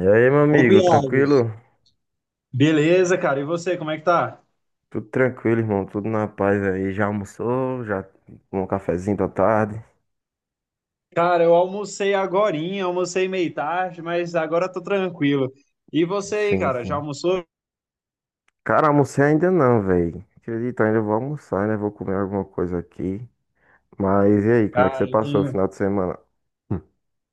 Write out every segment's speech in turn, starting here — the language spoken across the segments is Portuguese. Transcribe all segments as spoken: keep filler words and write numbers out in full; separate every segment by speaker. Speaker 1: E aí, meu
Speaker 2: Ô,
Speaker 1: amigo,
Speaker 2: Piagos,
Speaker 1: tranquilo?
Speaker 2: beleza, cara. E você, como é que tá?
Speaker 1: Tudo tranquilo, irmão, tudo na paz aí. Já almoçou? Já tomou um cafezinho da tarde?
Speaker 2: Cara, eu almocei agorinha, almocei meio tarde, mas agora tô tranquilo. E você aí,
Speaker 1: Sim,
Speaker 2: cara, já
Speaker 1: sim.
Speaker 2: almoçou?
Speaker 1: Cara, almocei ainda não, velho. Acredito, ainda vou almoçar, né? Vou comer alguma coisa aqui. Mas e aí, como é que
Speaker 2: Cara,
Speaker 1: você
Speaker 2: eu
Speaker 1: passou o
Speaker 2: tenho.
Speaker 1: final de semana? Hum.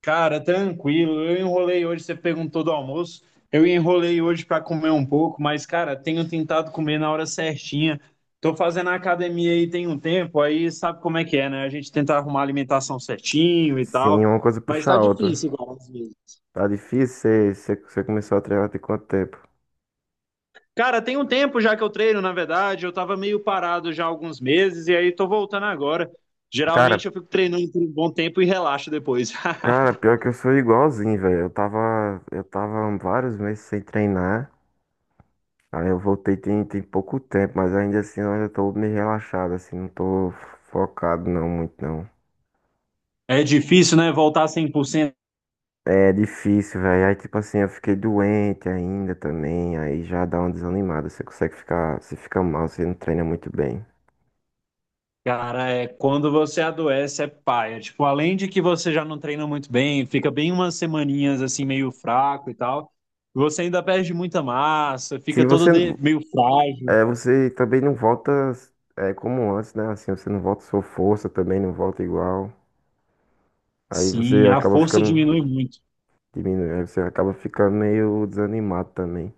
Speaker 2: Cara, tranquilo. Eu enrolei hoje, você perguntou do almoço. Eu enrolei hoje pra comer um pouco, mas, cara, tenho tentado comer na hora certinha. Tô fazendo academia aí tem um tempo, aí sabe como é que é, né? A gente tenta arrumar a alimentação certinho e
Speaker 1: Sim,
Speaker 2: tal,
Speaker 1: uma coisa
Speaker 2: mas
Speaker 1: puxa
Speaker 2: tá
Speaker 1: a outra.
Speaker 2: difícil, cara, às vezes.
Speaker 1: Tá difícil, você você- você começou a treinar tem quanto tempo?
Speaker 2: Cara, tem um tempo já que eu treino, na verdade, eu tava meio parado já há alguns meses e aí tô voltando agora.
Speaker 1: Cara,
Speaker 2: Geralmente eu fico treinando por um bom tempo e relaxo depois.
Speaker 1: cara, pior que eu sou igualzinho, velho. Eu tava, eu tava vários meses sem treinar. Aí eu voltei tem, tem pouco tempo, mas ainda assim eu ainda tô meio relaxado, assim, não tô focado não, muito não.
Speaker 2: É difícil, né, voltar cem por cento.
Speaker 1: É difícil, velho. Aí tipo assim, eu fiquei doente ainda também, aí já dá uma desanimada. Você consegue ficar, você fica mal, você não treina muito bem.
Speaker 2: Cara, é quando você adoece é paia. Tipo, além de que você já não treina muito bem, fica bem umas semaninhas assim meio fraco e tal. Você ainda perde muita massa,
Speaker 1: Se
Speaker 2: fica todo
Speaker 1: você,
Speaker 2: de- meio frágil.
Speaker 1: é, você também não volta é, como antes, né? Assim, você não volta sua força também, não volta igual. Aí você
Speaker 2: Sim, a
Speaker 1: acaba
Speaker 2: força
Speaker 1: ficando
Speaker 2: diminui muito.
Speaker 1: diminuindo, aí você acaba ficando meio desanimado também.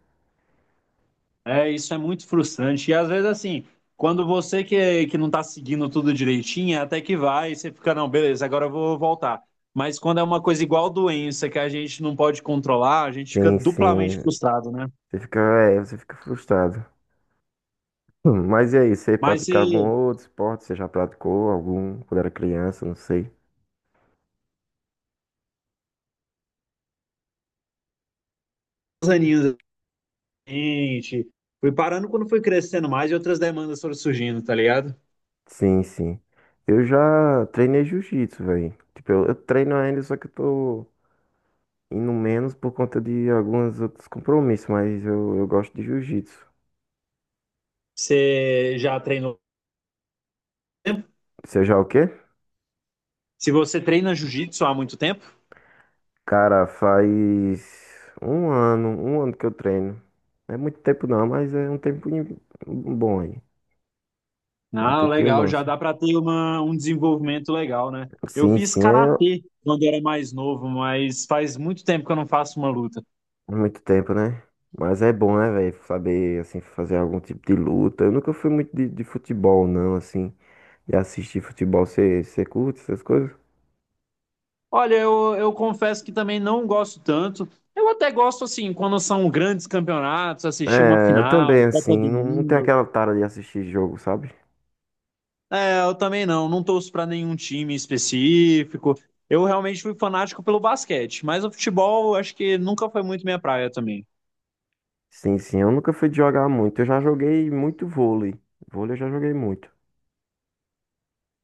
Speaker 2: É, isso é muito frustrante. E às vezes, assim, quando você que, que não tá seguindo tudo direitinho, até que vai, você fica, não, beleza, agora eu vou voltar. Mas quando é uma coisa igual doença que a gente não pode controlar, a gente fica
Speaker 1: Sim,
Speaker 2: duplamente
Speaker 1: sim.
Speaker 2: frustrado, né?
Speaker 1: Você fica, é, você fica frustrado. Hum, Mas e aí, você
Speaker 2: Mas se
Speaker 1: pratica algum outro esporte? Você já praticou algum quando era criança? Não sei.
Speaker 2: os aninhos, gente, fui parando quando fui crescendo mais e outras demandas foram surgindo, tá ligado?
Speaker 1: Sim, sim. Eu já treinei jiu-jitsu, velho. Tipo, eu, eu treino ainda, só que eu tô indo menos por conta de alguns outros compromissos, mas eu, eu gosto de jiu-jitsu.
Speaker 2: Você já treinou há muito tempo?
Speaker 1: Você já o quê?
Speaker 2: Se você treina jiu-jitsu há muito tempo,
Speaker 1: Cara, faz um ano, um ano que eu treino. Não é muito tempo não, mas é um tempinho bom aí. Um
Speaker 2: ah,
Speaker 1: tempinho
Speaker 2: legal, já
Speaker 1: massa.
Speaker 2: dá para ter uma, um desenvolvimento legal, né? Eu
Speaker 1: Sim,
Speaker 2: fiz
Speaker 1: sim, é,
Speaker 2: karatê quando era mais novo, mas faz muito tempo que eu não faço uma luta.
Speaker 1: muito tempo, né? Mas é bom, né, velho? Saber, assim, fazer algum tipo de luta. Eu nunca fui muito de, de futebol, não, assim. E assistir futebol, você curte essas coisas?
Speaker 2: Olha, eu, eu confesso que também não gosto tanto. Eu até gosto, assim, quando são grandes campeonatos, assistir uma
Speaker 1: É, eu
Speaker 2: final,
Speaker 1: também,
Speaker 2: Copa
Speaker 1: assim,
Speaker 2: do
Speaker 1: não, não tenho
Speaker 2: Mundo.
Speaker 1: aquela tara de assistir jogo, sabe?
Speaker 2: É, eu também não, não torço para nenhum time específico. Eu realmente fui fanático pelo basquete, mas o futebol acho que nunca foi muito minha praia também.
Speaker 1: Sim, sim, eu nunca fui de jogar muito. Eu já joguei muito vôlei. Vôlei eu já joguei muito.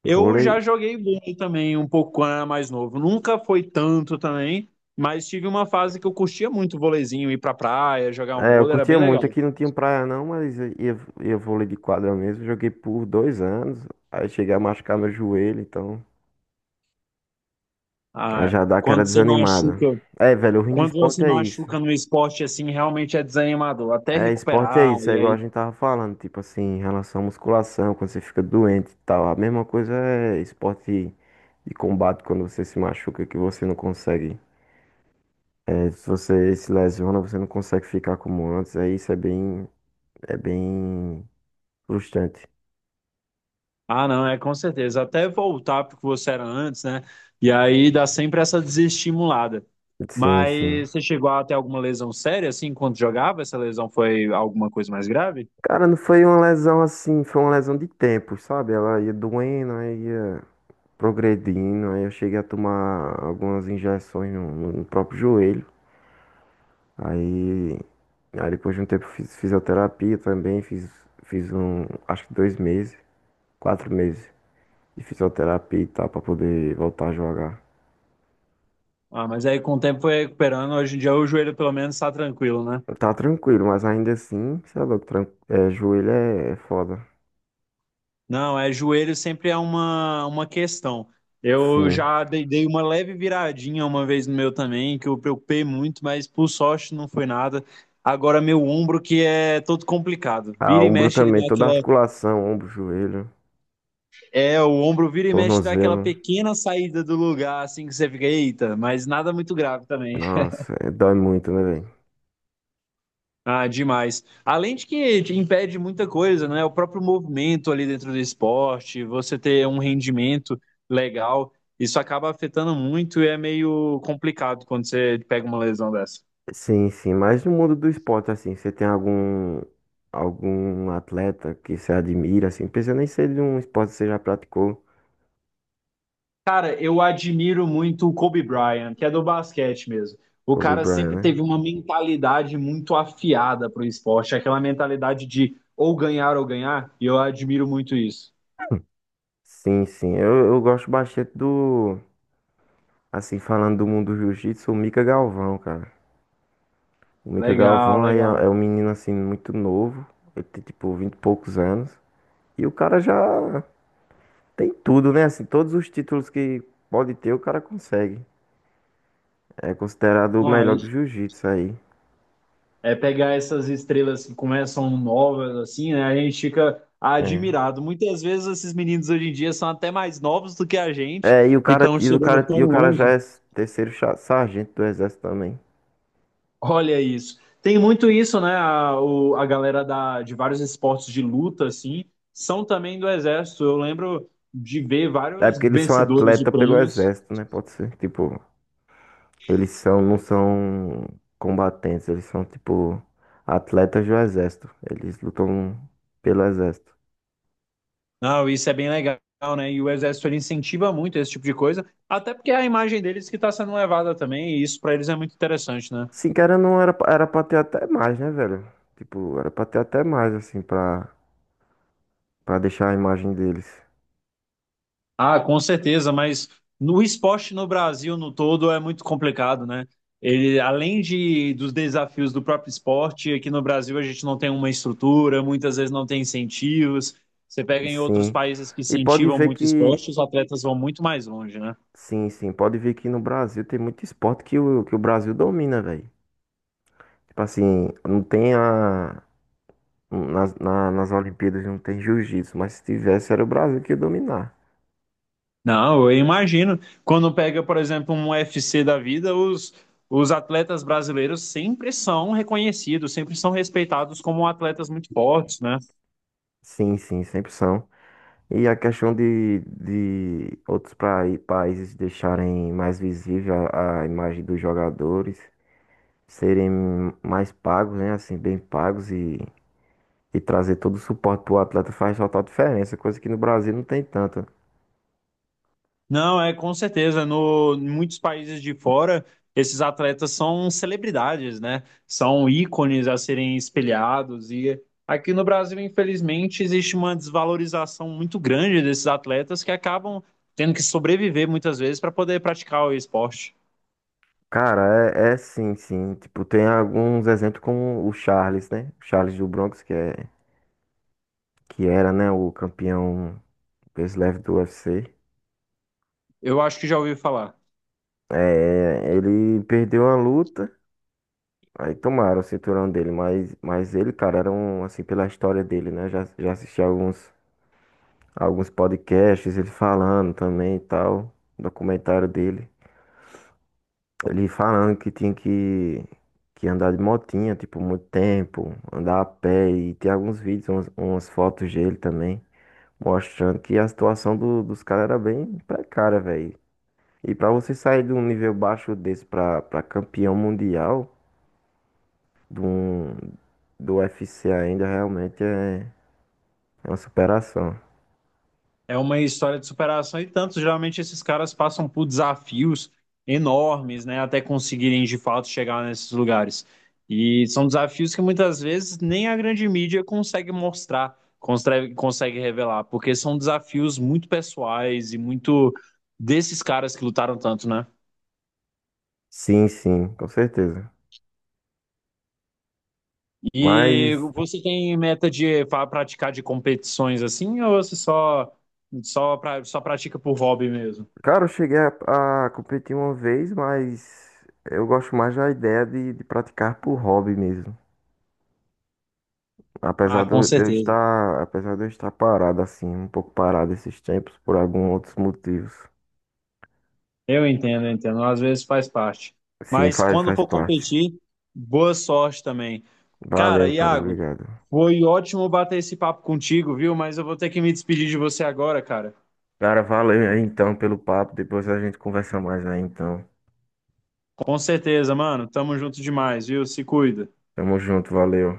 Speaker 2: Eu
Speaker 1: Vôlei.
Speaker 2: já joguei vôlei também um pouco quando era mais novo. Nunca foi tanto também, mas tive uma fase que eu curtia muito o vôleizinho, ir pra praia, jogar um
Speaker 1: É, eu
Speaker 2: vôlei, era
Speaker 1: curtia
Speaker 2: bem legal.
Speaker 1: muito. Aqui não tinha praia, não, mas ia, ia vôlei de quadra mesmo. Joguei por dois anos. Aí cheguei a machucar meu joelho, então. Aí
Speaker 2: Ah,
Speaker 1: já dá aquela
Speaker 2: quando você
Speaker 1: desanimada.
Speaker 2: machuca,
Speaker 1: É, velho, o ruim de
Speaker 2: quando você
Speaker 1: esporte é isso.
Speaker 2: machuca no esporte assim, realmente é desanimador, até
Speaker 1: É, esporte é
Speaker 2: recuperar
Speaker 1: isso, é
Speaker 2: e
Speaker 1: igual a
Speaker 2: aí,
Speaker 1: gente tava falando, tipo assim, em relação à musculação, quando você fica doente e tal. A mesma coisa é esporte de combate, quando você se machuca, que você não consegue. É, se você se lesiona, você não consegue ficar como antes. Aí isso é bem, é bem frustrante.
Speaker 2: ah, não, é com certeza, até voltar pro que você era antes, né? E aí dá sempre essa desestimulada.
Speaker 1: Sim, sim.
Speaker 2: Mas você chegou a ter alguma lesão séria assim quando jogava? Essa lesão foi alguma coisa mais grave?
Speaker 1: Cara, não foi uma lesão assim, foi uma lesão de tempo, sabe? Ela ia doendo, aí ia progredindo. Aí eu cheguei a tomar algumas injeções no, no- próprio joelho. Aí, aí depois de um tempo fiz fisioterapia também, fiz, fiz um, acho que dois meses, quatro meses de fisioterapia e tal, pra poder voltar a jogar.
Speaker 2: Ah, mas aí com o tempo foi recuperando. Hoje em dia o joelho pelo menos está tranquilo, né?
Speaker 1: Tá tranquilo, mas ainda assim, sei lá, tran- é, joelho é, é foda.
Speaker 2: Não, é joelho sempre é uma, uma questão. Eu
Speaker 1: Sim.
Speaker 2: já dei, dei uma leve viradinha uma vez no meu também, que eu preocupei muito, mas por sorte não foi nada. Agora meu ombro que é todo complicado.
Speaker 1: Ah,
Speaker 2: Vira e
Speaker 1: ombro
Speaker 2: mexe ele
Speaker 1: também,
Speaker 2: dá
Speaker 1: toda
Speaker 2: aquela...
Speaker 1: articulação, ombro, joelho,
Speaker 2: É, o ombro vira e mexe dá aquela
Speaker 1: tornozelo.
Speaker 2: pequena saída do lugar, assim que você fica, eita, mas nada muito grave também.
Speaker 1: Nossa, é, dói muito, né, velho?
Speaker 2: Ah, demais. Além de que te impede muita coisa, né? O próprio movimento ali dentro do esporte, você ter um rendimento legal, isso acaba afetando muito e é meio complicado quando você pega uma lesão dessa.
Speaker 1: Sim, sim, mas no mundo do esporte, assim, você tem algum algum atleta que você admira, assim, pensando em ser de um esporte que você já praticou.
Speaker 2: Cara, eu admiro muito o Kobe Bryant, que é do basquete mesmo. O
Speaker 1: Kobe
Speaker 2: cara
Speaker 1: Bryant,
Speaker 2: sempre teve
Speaker 1: né?
Speaker 2: uma mentalidade muito afiada pro esporte, aquela mentalidade de ou ganhar ou ganhar, e eu admiro muito isso.
Speaker 1: Sim, sim, eu, eu gosto bastante do, assim, falando do mundo do jiu-jitsu, o Mika Galvão, cara. O Mika
Speaker 2: Legal,
Speaker 1: Galvão aí é,
Speaker 2: legal.
Speaker 1: é um menino, assim, muito novo, ele tem, tipo, vinte e poucos anos, e o cara já tem tudo, né? Assim, todos os títulos que pode ter, o cara consegue. É considerado o
Speaker 2: Ah,
Speaker 1: melhor do jiu-jitsu aí.
Speaker 2: é pegar essas estrelas que começam novas, assim, né? A gente fica
Speaker 1: É.
Speaker 2: admirado. Muitas vezes esses meninos hoje em dia são até mais novos do que a gente
Speaker 1: É, e o
Speaker 2: e
Speaker 1: cara,
Speaker 2: estão
Speaker 1: e o
Speaker 2: chegando
Speaker 1: cara,
Speaker 2: tão
Speaker 1: e o cara já
Speaker 2: longe.
Speaker 1: é terceiro cha- sargento do exército também.
Speaker 2: Olha isso. Tem muito isso, né? A, o- a galera da, de vários esportes de luta, assim, são também do exército. Eu lembro de ver
Speaker 1: É
Speaker 2: vários
Speaker 1: porque eles são
Speaker 2: vencedores de
Speaker 1: atleta pelo
Speaker 2: prêmios.
Speaker 1: exército, né? Pode ser. Tipo, eles são, não são combatentes, eles são, tipo, atletas do exército. Eles lutam pelo exército.
Speaker 2: Não, isso é bem legal, né? E o exército ele incentiva muito esse tipo de coisa, até porque é a imagem deles que está sendo levada também, e isso para eles é muito interessante, né?
Speaker 1: Sim, cara, não era, pra- era pra ter até mais, né, velho? Tipo, era pra ter até mais, assim, pra, pra deixar a imagem deles.
Speaker 2: Ah, com certeza, mas no esporte no Brasil no todo é muito complicado, né? Ele, além de, dos desafios do próprio esporte, aqui no Brasil a gente não tem uma estrutura, muitas vezes não tem incentivos. Você pega em outros
Speaker 1: Sim.
Speaker 2: países que
Speaker 1: E pode
Speaker 2: incentivam
Speaker 1: ver
Speaker 2: muito o
Speaker 1: que.
Speaker 2: esporte, os atletas vão muito mais longe, né?
Speaker 1: Sim, sim, pode ver que no Brasil tem muito esporte que o, que o Brasil domina, velho. Tipo assim, não tem a. Nas, na- nas Olimpíadas não tem jiu-jitsu, mas se tivesse era o Brasil que ia dominar.
Speaker 2: Não, eu imagino. Quando pega, por exemplo, um U F C da vida, os, os atletas brasileiros sempre são reconhecidos, sempre são respeitados como atletas muito fortes, né?
Speaker 1: Sim, sim, sempre são. E a questão de, de outros prai- países deixarem mais visível a, a imagem dos jogadores, serem mais pagos, né? Assim, bem pagos e, e trazer todo o suporte pro atleta faz total diferença, coisa que no Brasil não tem tanto.
Speaker 2: Não, é com certeza. No, em muitos países de fora, esses atletas são celebridades, né? São ícones a serem espelhados. E aqui no Brasil, infelizmente, existe uma desvalorização muito grande desses atletas que acabam tendo que sobreviver muitas vezes para poder praticar o esporte.
Speaker 1: Cara, é, é sim, sim. Tipo, tem alguns exemplos como o Charles, né? O Charles do Bronx, que é. Que era, né, o campeão peso leve do U F C.
Speaker 2: Eu acho que já ouvi falar.
Speaker 1: É, ele perdeu a luta, aí tomaram o cinturão dele, mas, mas ele, cara, era um, assim, pela história dele, né? Já, já assisti alguns, alguns podcasts, ele falando também e tal, documentário dele. Ele falando que tinha que, que andar de motinha, tipo, muito tempo, andar a pé, e tem alguns vídeos, umas, umas fotos dele também, mostrando que a situação do- dos caras era bem precária, velho. E para você sair de um nível baixo desse para para campeão mundial do, do U F C ainda realmente é, é uma superação.
Speaker 2: É uma história de superação e tanto, geralmente esses caras passam por desafios enormes, né, até conseguirem de fato chegar nesses lugares. E são desafios que muitas vezes nem a grande mídia consegue mostrar, consegue, consegue revelar, porque são desafios muito pessoais e muito desses caras que lutaram tanto, né?
Speaker 1: Sim, sim, com certeza.
Speaker 2: E
Speaker 1: Mas,
Speaker 2: você tem meta de fa- praticar de competições assim, ou você só só, pra, só pratica por hobby mesmo?
Speaker 1: cara, eu cheguei a, a competir uma vez, mas eu gosto mais da ideia de, de praticar por hobby mesmo.
Speaker 2: Ah,
Speaker 1: Apesar de
Speaker 2: com
Speaker 1: eu de eu
Speaker 2: certeza.
Speaker 1: estar, apesar de eu estar parado assim, um pouco parado esses tempos por alguns outros motivos.
Speaker 2: Eu entendo, eu entendo. Às vezes faz parte.
Speaker 1: Sim,
Speaker 2: Mas
Speaker 1: faz,
Speaker 2: quando
Speaker 1: faz
Speaker 2: for
Speaker 1: parte.
Speaker 2: competir, boa sorte também. Cara,
Speaker 1: Valeu, cara,
Speaker 2: Iago,
Speaker 1: obrigado.
Speaker 2: foi ótimo bater esse papo contigo, viu? Mas eu vou ter que me despedir de você agora, cara.
Speaker 1: Cara, valeu aí então pelo papo. Depois a gente conversa mais aí então.
Speaker 2: Com certeza, mano. Tamo junto demais, viu? Se cuida.
Speaker 1: Tamo junto, valeu.